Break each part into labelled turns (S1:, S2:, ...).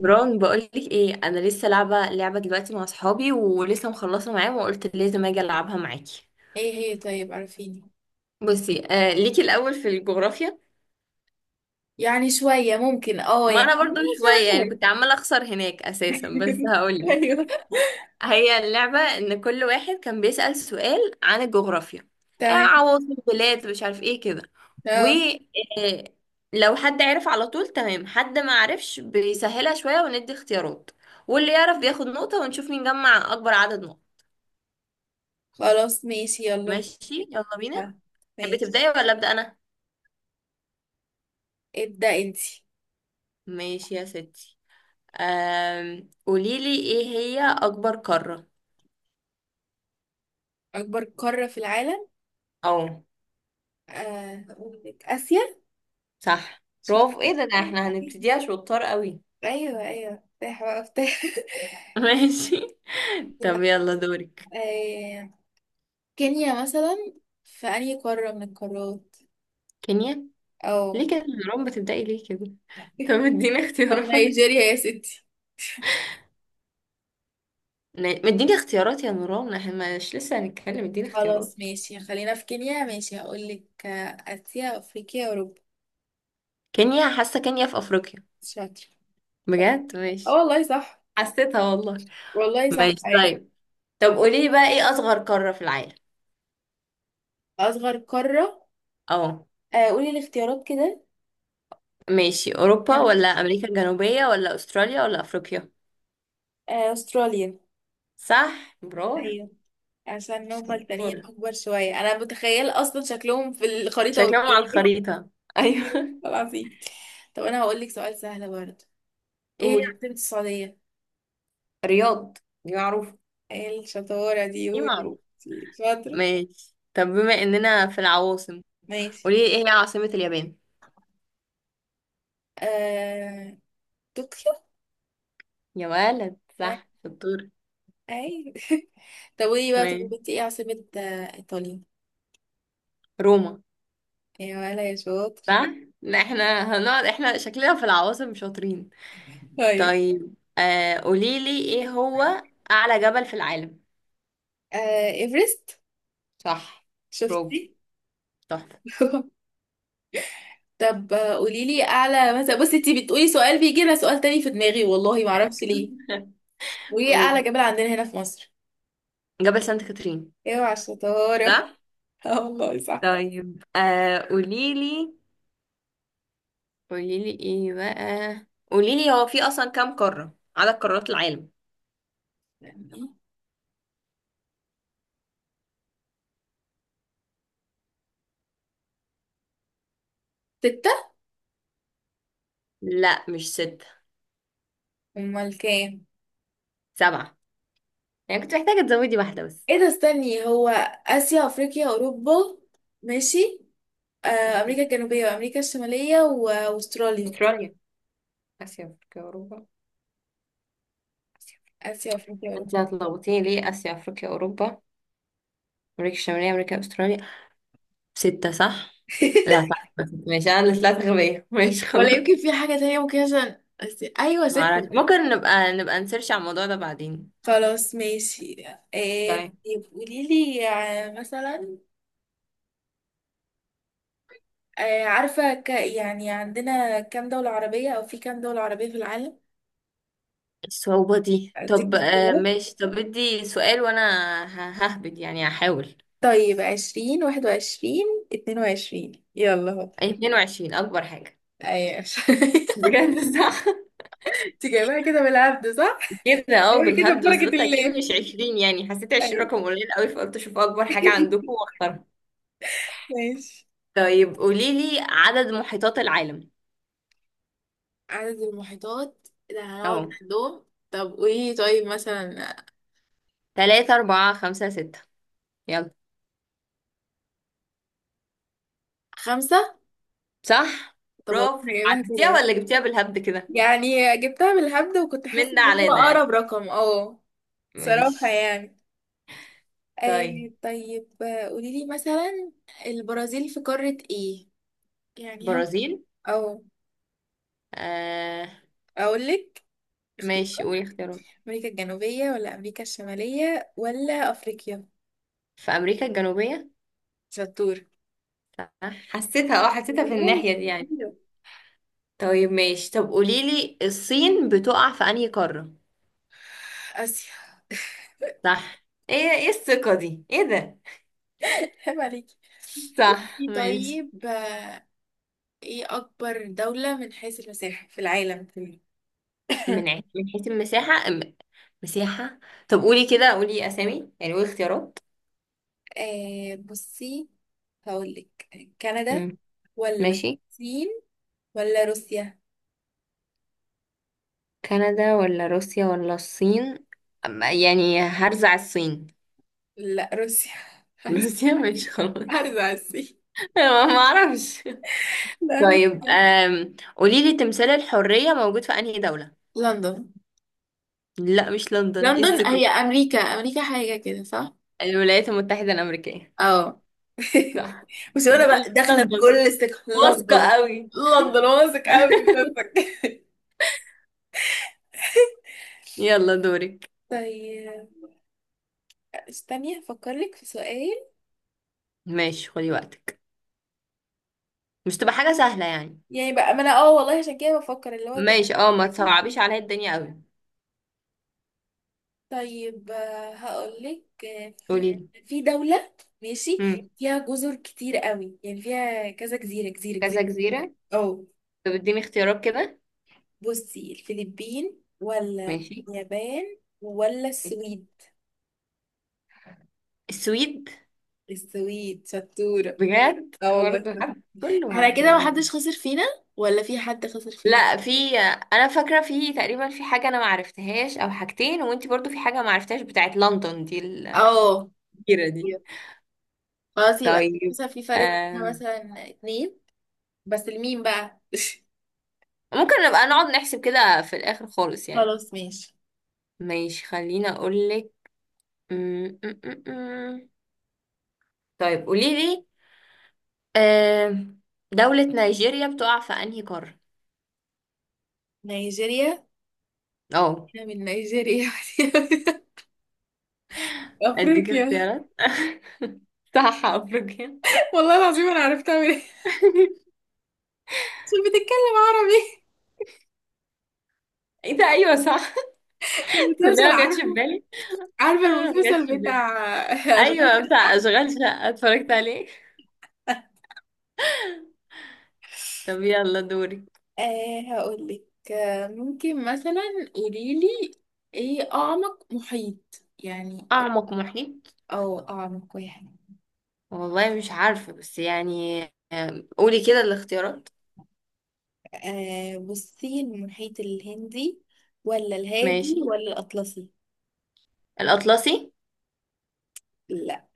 S1: بران، بقولك ايه، انا لسه لعبه لعبه دلوقتي مع اصحابي ولسه مخلصه معاهم وقلت لازم اجي العبها معاكي.
S2: ايه هي؟ طيب، عارفيني.
S1: بصي، ليكي الاول في الجغرافيا.
S2: يعني شوية ممكن،
S1: ما انا
S2: يعني.
S1: برضو شويه يعني،
S2: شغال.
S1: كنت عماله اخسر هناك اساسا، بس هقولك.
S2: ايوه،
S1: هي اللعبه ان كل واحد كان بيسأل سؤال عن الجغرافيا،
S2: تمام.
S1: عواصم بلاد، مش عارف ايه كده، و
S2: اه
S1: آه لو حد عرف على طول تمام، حد ما عرفش بيسهلها شويه وندي اختيارات، واللي يعرف بياخد نقطه، ونشوف مين جمع اكبر عدد نقط.
S2: خلاص، ماشي، يلا بينا.
S1: ماشي يلا بينا.
S2: آه،
S1: تحبي
S2: ماشي.
S1: تبداي ولا ابدا انا؟
S2: ابدأ انتي.
S1: ماشي يا ستي. قوليلي ايه هي اكبر قارة؟
S2: اكبر قارة في العالم،
S1: او،
S2: هقول لك اسيا.
S1: صح،
S2: شرق.
S1: برافو. ايه ده، ده احنا هنبتديها شطار قوي.
S2: ايوه، ايوه. افتح بقى، افتح.
S1: ماشي. طب يلا دورك.
S2: آه، كينيا مثلا، في انهي قارة من القارات؟
S1: كينيا؟
S2: او.
S1: ليه كده يا نوران؟ بتبدأي ليه كده؟ طب اديني
S2: طب
S1: اختيارات.
S2: نيجيريا يا ستي.
S1: مديني اختيارات يا نوران، احنا مش لسه هنتكلم، اديني اختيارات.
S2: خلاص، ماشي، خلينا في كينيا. ماشي، هقولك آسيا، أفريقيا، أوروبا.
S1: كينيا، حاسة كينيا في افريقيا.
S2: شاطر.
S1: بجد،
S2: اه
S1: ماشي.
S2: والله صح.
S1: حسيتها والله.
S2: والله صح.
S1: ماشي
S2: أيوة.
S1: طيب. طب قولي لي بقى، ايه اصغر قارة في العالم؟
S2: أصغر قارة.
S1: اه.
S2: قولي الاختيارات كده.
S1: ماشي، اوروبا
S2: يلا.
S1: ولا امريكا الجنوبية ولا استراليا ولا افريقيا؟
S2: أستراليا.
S1: صح، برافو.
S2: ايوه، عشان هما التانيين
S1: شطورة.
S2: أكبر شوية. أنا متخيل أصلا شكلهم في الخريطة
S1: شكلهم على
S2: قدامي.
S1: الخريطة؟
S2: أيوة
S1: ايوه.
S2: العظيم. طب أنا هقولك سؤال سهل برضه. إيه هي
S1: قول.
S2: عاصمة السعودية؟
S1: رياض، دي معروفة.
S2: إيه الشطارة دي؟
S1: دي
S2: قولي.
S1: معروف.
S2: شاطرة.
S1: ماشي، طب بما اننا في العواصم،
S2: ماشي.
S1: قولي لي ايه هي عاصمة اليابان؟
S2: آه... طوكيو.
S1: يا ولد
S2: آه،
S1: صح، شطور.
S2: أي. طب قولي بقى، طب
S1: ماشي.
S2: كنت ايه عاصمة ايطاليا؟
S1: روما.
S2: يا ولا يا شاطر.
S1: صح. لا احنا هنقعد، احنا شكلنا في العواصم شاطرين.
S2: طيب،
S1: طيب، قولي لي ايه هو اعلى جبل في العالم؟
S2: ايفرست.
S1: صح، برافو،
S2: شفتي.
S1: تحفة.
S2: طب قوليلي اعلى مثلا. بصي، انتي بتقولي سؤال، بيجي لنا سؤال تاني في دماغي والله ما اعرفش ليه. وايه اعلى
S1: قولي.
S2: جبل عندنا هنا في مصر؟
S1: جبل سانت كاترين.
S2: اوعى الشطارة!
S1: صح.
S2: اه والله صح.
S1: طيب، قوليلي، قوليلي ايه بقى، قوليلي هو في اصلا كام قارة، عدد قارات العالم؟
S2: ستة.
S1: لا، مش ستة.
S2: امال كام؟
S1: سبعة. يعني كنت محتاجة تزودي واحدة بس.
S2: ايه ده، استني هو، اسيا افريقيا اوروبا، ماشي،
S1: المفروض
S2: امريكا الجنوبية وامريكا الشمالية واستراليا.
S1: استراليا، اسيا، افريقيا، اوروبا، اسيا.
S2: اسيا افريقيا
S1: انت
S2: اوروبا.
S1: هتلخبطيني ليه؟ اسيا، افريقيا، اوروبا، امريكا الشمالية، امريكا، استراليا. ستة، صح. لا صح. ماشي، انا اللي طلعت غبية، ماشي
S2: ولا
S1: خلاص.
S2: يمكن في حاجة تانية ممكن، عشان أيوة، ست.
S1: معرفش، ممكن نبقى نسيرش على الموضوع ده بعدين.
S2: خلاص، ماشي.
S1: تمام.
S2: طيب قولي لي مثلا، عارفة يعني عندنا كام دولة عربية، أو في كام دولة عربية في العالم؟
S1: الصعوبة دي؟
S2: أديك
S1: طب
S2: اختيارات.
S1: ماشي، طب ادي سؤال وانا. ههبد يعني، هحاول.
S2: طيب 20، 21، 22، يلا هو.
S1: أي، 22 اكبر حاجة.
S2: أيوة.
S1: بجد، صح.
S2: انت جايبها كده بالعبد صح؟
S1: كده اه،
S2: جايبها كده
S1: بالهبد، بس
S2: ببركة
S1: قلت اكيد
S2: الله.
S1: مش 20 يعني، حسيت 20
S2: أيوة.
S1: رقم قليل قوي، فقلت اشوف اكبر حاجة عندكم واختارها.
S2: ماشي.
S1: طيب، قولي لي عدد محيطات العالم.
S2: عدد المحيطات اللي هنقعد
S1: اهو.
S2: نحدهم. طب قولي لي، طيب مثلا،
S1: 3، 4، 5، 6. يلا.
S2: خمسة.
S1: صح،
S2: طب والله انا
S1: برافو.
S2: جايبها
S1: عدتيها
S2: كده
S1: ولا
S2: بس.
S1: جبتيها بالهبد كده؟
S2: يعني جبتها بالهبد وكنت
S1: من
S2: حاسة
S1: ده
S2: ان
S1: على
S2: هو
S1: ده يعني.
S2: اقرب رقم، اه. صراحة
S1: ماشي.
S2: يعني.
S1: طيب.
S2: طيب قولي لي مثلا، البرازيل في قارة ايه؟ يعني هو،
S1: برازيل.
S2: او.
S1: آه
S2: اقول لك
S1: ماشي،
S2: اختيارات.
S1: قولي اختيارات.
S2: امريكا الجنوبية، ولا امريكا الشمالية، ولا افريقيا؟
S1: في امريكا الجنوبية.
S2: شطور.
S1: صح. حسيتها، اه حسيتها في
S2: والله
S1: الناحية دي يعني.
S2: شطورة.
S1: طيب ماشي، طب قوليلي الصين بتقع في انهي قارة؟
S2: اسيا.
S1: صح. ايه ايه الثقة دي؟ ايه ده.
S2: عيب عليكي.
S1: صح
S2: قولي.
S1: ماشي.
S2: طيب ايه اكبر دولة من حيث المساحة في العالم كله؟
S1: من حيث المساحة؟ مساحة. طب قولي كده، قولي أسامي يعني، قول اختيارات.
S2: بصي. هقولك كندا،
S1: مم.
S2: ولا
S1: ماشي.
S2: الصين، ولا روسيا.
S1: كندا ولا روسيا ولا الصين؟ يعني هرزع الصين.
S2: لا، روسيا. هحس-
S1: روسيا، ماشي خلاص.
S2: هرزع على الصين.
S1: ما اعرفش.
S2: لا،
S1: طيب،
S2: روسيا.
S1: قولي لي تمثال الحرية موجود في أنهي دولة؟
S2: لندن.
S1: لا مش لندن، ايه
S2: لندن
S1: الثقة
S2: هي
S1: دي؟
S2: امريكا، امريكا حاجه كده صح؟
S1: الولايات المتحدة الأمريكية.
S2: اه.
S1: صح.
S2: مش انا بقى داخله بكل
S1: لندن،
S2: استك،
S1: واثقة
S2: لندن.
S1: قوي.
S2: لندن واثق قوي من نفسك.
S1: يلا دورك.
S2: طيب، استني هفكر لك في سؤال.
S1: ماشي، خدي وقتك. مش تبقى حاجة سهلة يعني.
S2: يعني بقى ما انا، اه والله عشان كده بفكر اللي هو تبقى.
S1: ماشي، اه ما تصعبيش عليا الدنيا قوي.
S2: طيب، هقول لك. في
S1: قولي لي.
S2: في دولة. ماشي.
S1: مم.
S2: فيها جزر كتير قوي يعني، فيها كذا جزيرة جزيرة جزيرة.
S1: كذا جزيرة.
S2: اه.
S1: طب اديني اختيارات كده.
S2: بصي، الفلبين، ولا
S1: ماشي.
S2: اليابان، ولا السويد؟
S1: السويد.
S2: السويد. شطورة.
S1: بجد،
S2: اه والله.
S1: برضه حد كله
S2: احنا
S1: هبد
S2: كده
S1: والله.
S2: محدش خسر فينا، ولا في حد خسر فينا.
S1: لا، في. انا فاكره، في تقريبا في حاجه انا ما عرفتهاش، او حاجتين، وانتي برضو في حاجه ما عرفتهاش، بتاعت لندن دي،
S2: اه.
S1: كتيرة دي.
S2: خلاص، يبقى
S1: طيب
S2: مثلا في فرق
S1: آه.
S2: بينا مثلا اتنين. بس لمين بقى؟
S1: ممكن نبقى نقعد نحسب كده في الآخر خالص يعني.
S2: خلاص، ماشي.
S1: ماشي، خليني أقولك. م- م- م- م. طيب قوليلي، آه. دولة نيجيريا بتقع في أنهي قارة؟
S2: نيجيريا،
S1: اه.
S2: احنا من نيجيريا.
S1: أديك
S2: افريقيا.
S1: اختيارات. صح أفريقيا.
S2: والله العظيم انا عرفت اعمل ايه، عشان بتتكلم عربي.
S1: ايه ده، ايوه صح. ده
S2: المسلسل،
S1: ما جاتش في
S2: عارفه؟
S1: بالي.
S2: عارفه
S1: ما جاتش في
S2: المسلسل
S1: بالي.
S2: بتاع. اشغال
S1: ايوه، بتاع
S2: شقة؟
S1: اشغال شقه، اتفرجت عليه. طب يلا دوري.
S2: هقول لك. ممكن مثلا، قولي لي ايه اعمق محيط يعني
S1: اعمق محيط.
S2: او اعمق واحد.
S1: والله مش عارفه بس يعني، قولي كده الاختيارات.
S2: بصي، المحيط الهندي، ولا الهادي،
S1: ماشي.
S2: ولا الاطلسي؟
S1: الأطلسي.
S2: لا،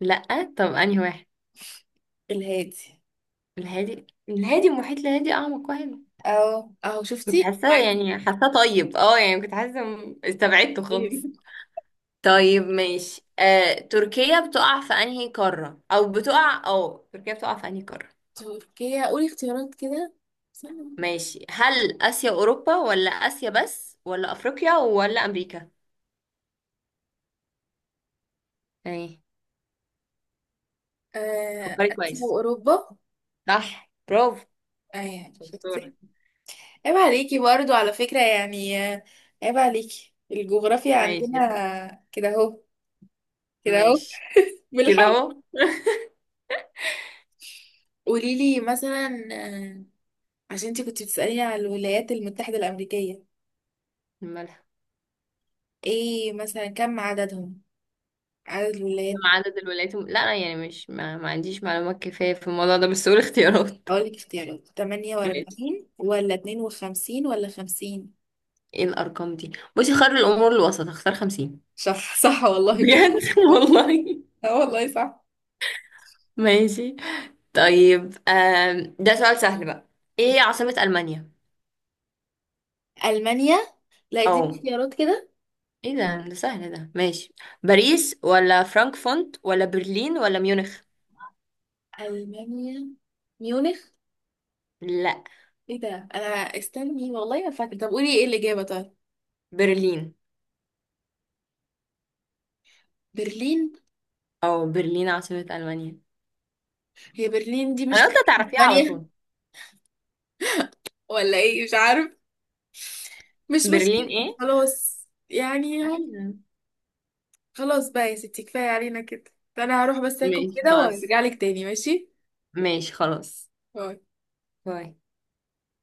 S1: لأ، طب أنهي واحد؟
S2: الهادي.
S1: الهادي. الهادي، المحيط الهادي أعمق واحد.
S2: او اهو،
S1: كنت
S2: شفتي
S1: حاسة
S2: عارفة.
S1: يعني، حاسة طيب اه، يعني كنت حاسة، استبعدته خالص. طيب ماشي، تركيا بتقع في أنهي قارة، أو بتقع أو تركيا بتقع في أنهي قارة؟
S2: تركيا، قولي اختيارات كده، استنى.
S1: ماشي، هل آسيا أوروبا، ولا آسيا بس، ولا أفريقيا، ولا أمريكا؟ ايه. فكري
S2: اسيا
S1: كويس.
S2: واوروبا.
S1: صح، برافو،
S2: اه يعني،
S1: شطورة.
S2: شفتي. عيب عليكي برضو على فكرة يعني. عيب عليكي الجغرافيا.
S1: ماشي يا سيدي.
S2: عندنا كده اهو، كده اهو.
S1: ماشي، كده
S2: بالحب.
S1: اهو.
S2: قولي لي مثلا. عشان انتي كنتي بتسأليني على الولايات المتحدة الأمريكية،
S1: الملح.
S2: ايه مثلا كم عددهم؟ عدد
S1: كم
S2: الولايات.
S1: عدد الولايات لا أنا يعني مش، ما عنديش معلومات كفاية في الموضوع ده، بس قول اختيارات.
S2: هقول لك اختيارات،
S1: ماشي،
S2: 48 ولا 52 ولا 50.
S1: ايه الأرقام دي؟ بصي، خير الأمور الوسط، اختار خمسين.
S2: صح، صح والله كده.
S1: بجد، والله.
S2: اه والله صح.
S1: ماشي. طيب ده سؤال سهل بقى، ايه عاصمة ألمانيا؟
S2: ألمانيا. لا، اديني
S1: أو.
S2: اختيارات كده.
S1: ايه ده، ده سهل ده، ماشي. باريس ولا فرانكفورت ولا برلين ولا ميونخ؟
S2: ألمانيا، ميونخ.
S1: لا.
S2: ايه ده؟ انا استني والله ما فاكره. طب قولي ايه الاجابه طيب.
S1: برلين.
S2: برلين.
S1: أو، برلين عاصمة ألمانيا.
S2: هي برلين دي
S1: أنا
S2: مش
S1: قلت هتعرفيها على
S2: اسبانيا
S1: طول.
S2: ولا ايه؟ مش عارف. مش
S1: برلين،
S2: مشكله
S1: ايه؟
S2: خلاص يعني اهو.
S1: أيوه.
S2: خلاص بقى يا ستي، كفايه علينا كده، فانا هروح بس اكل
S1: ماشي
S2: كده
S1: خلاص.
S2: وهرجع لك تاني ماشي.
S1: ماشي خلاص.
S2: باي.
S1: باي.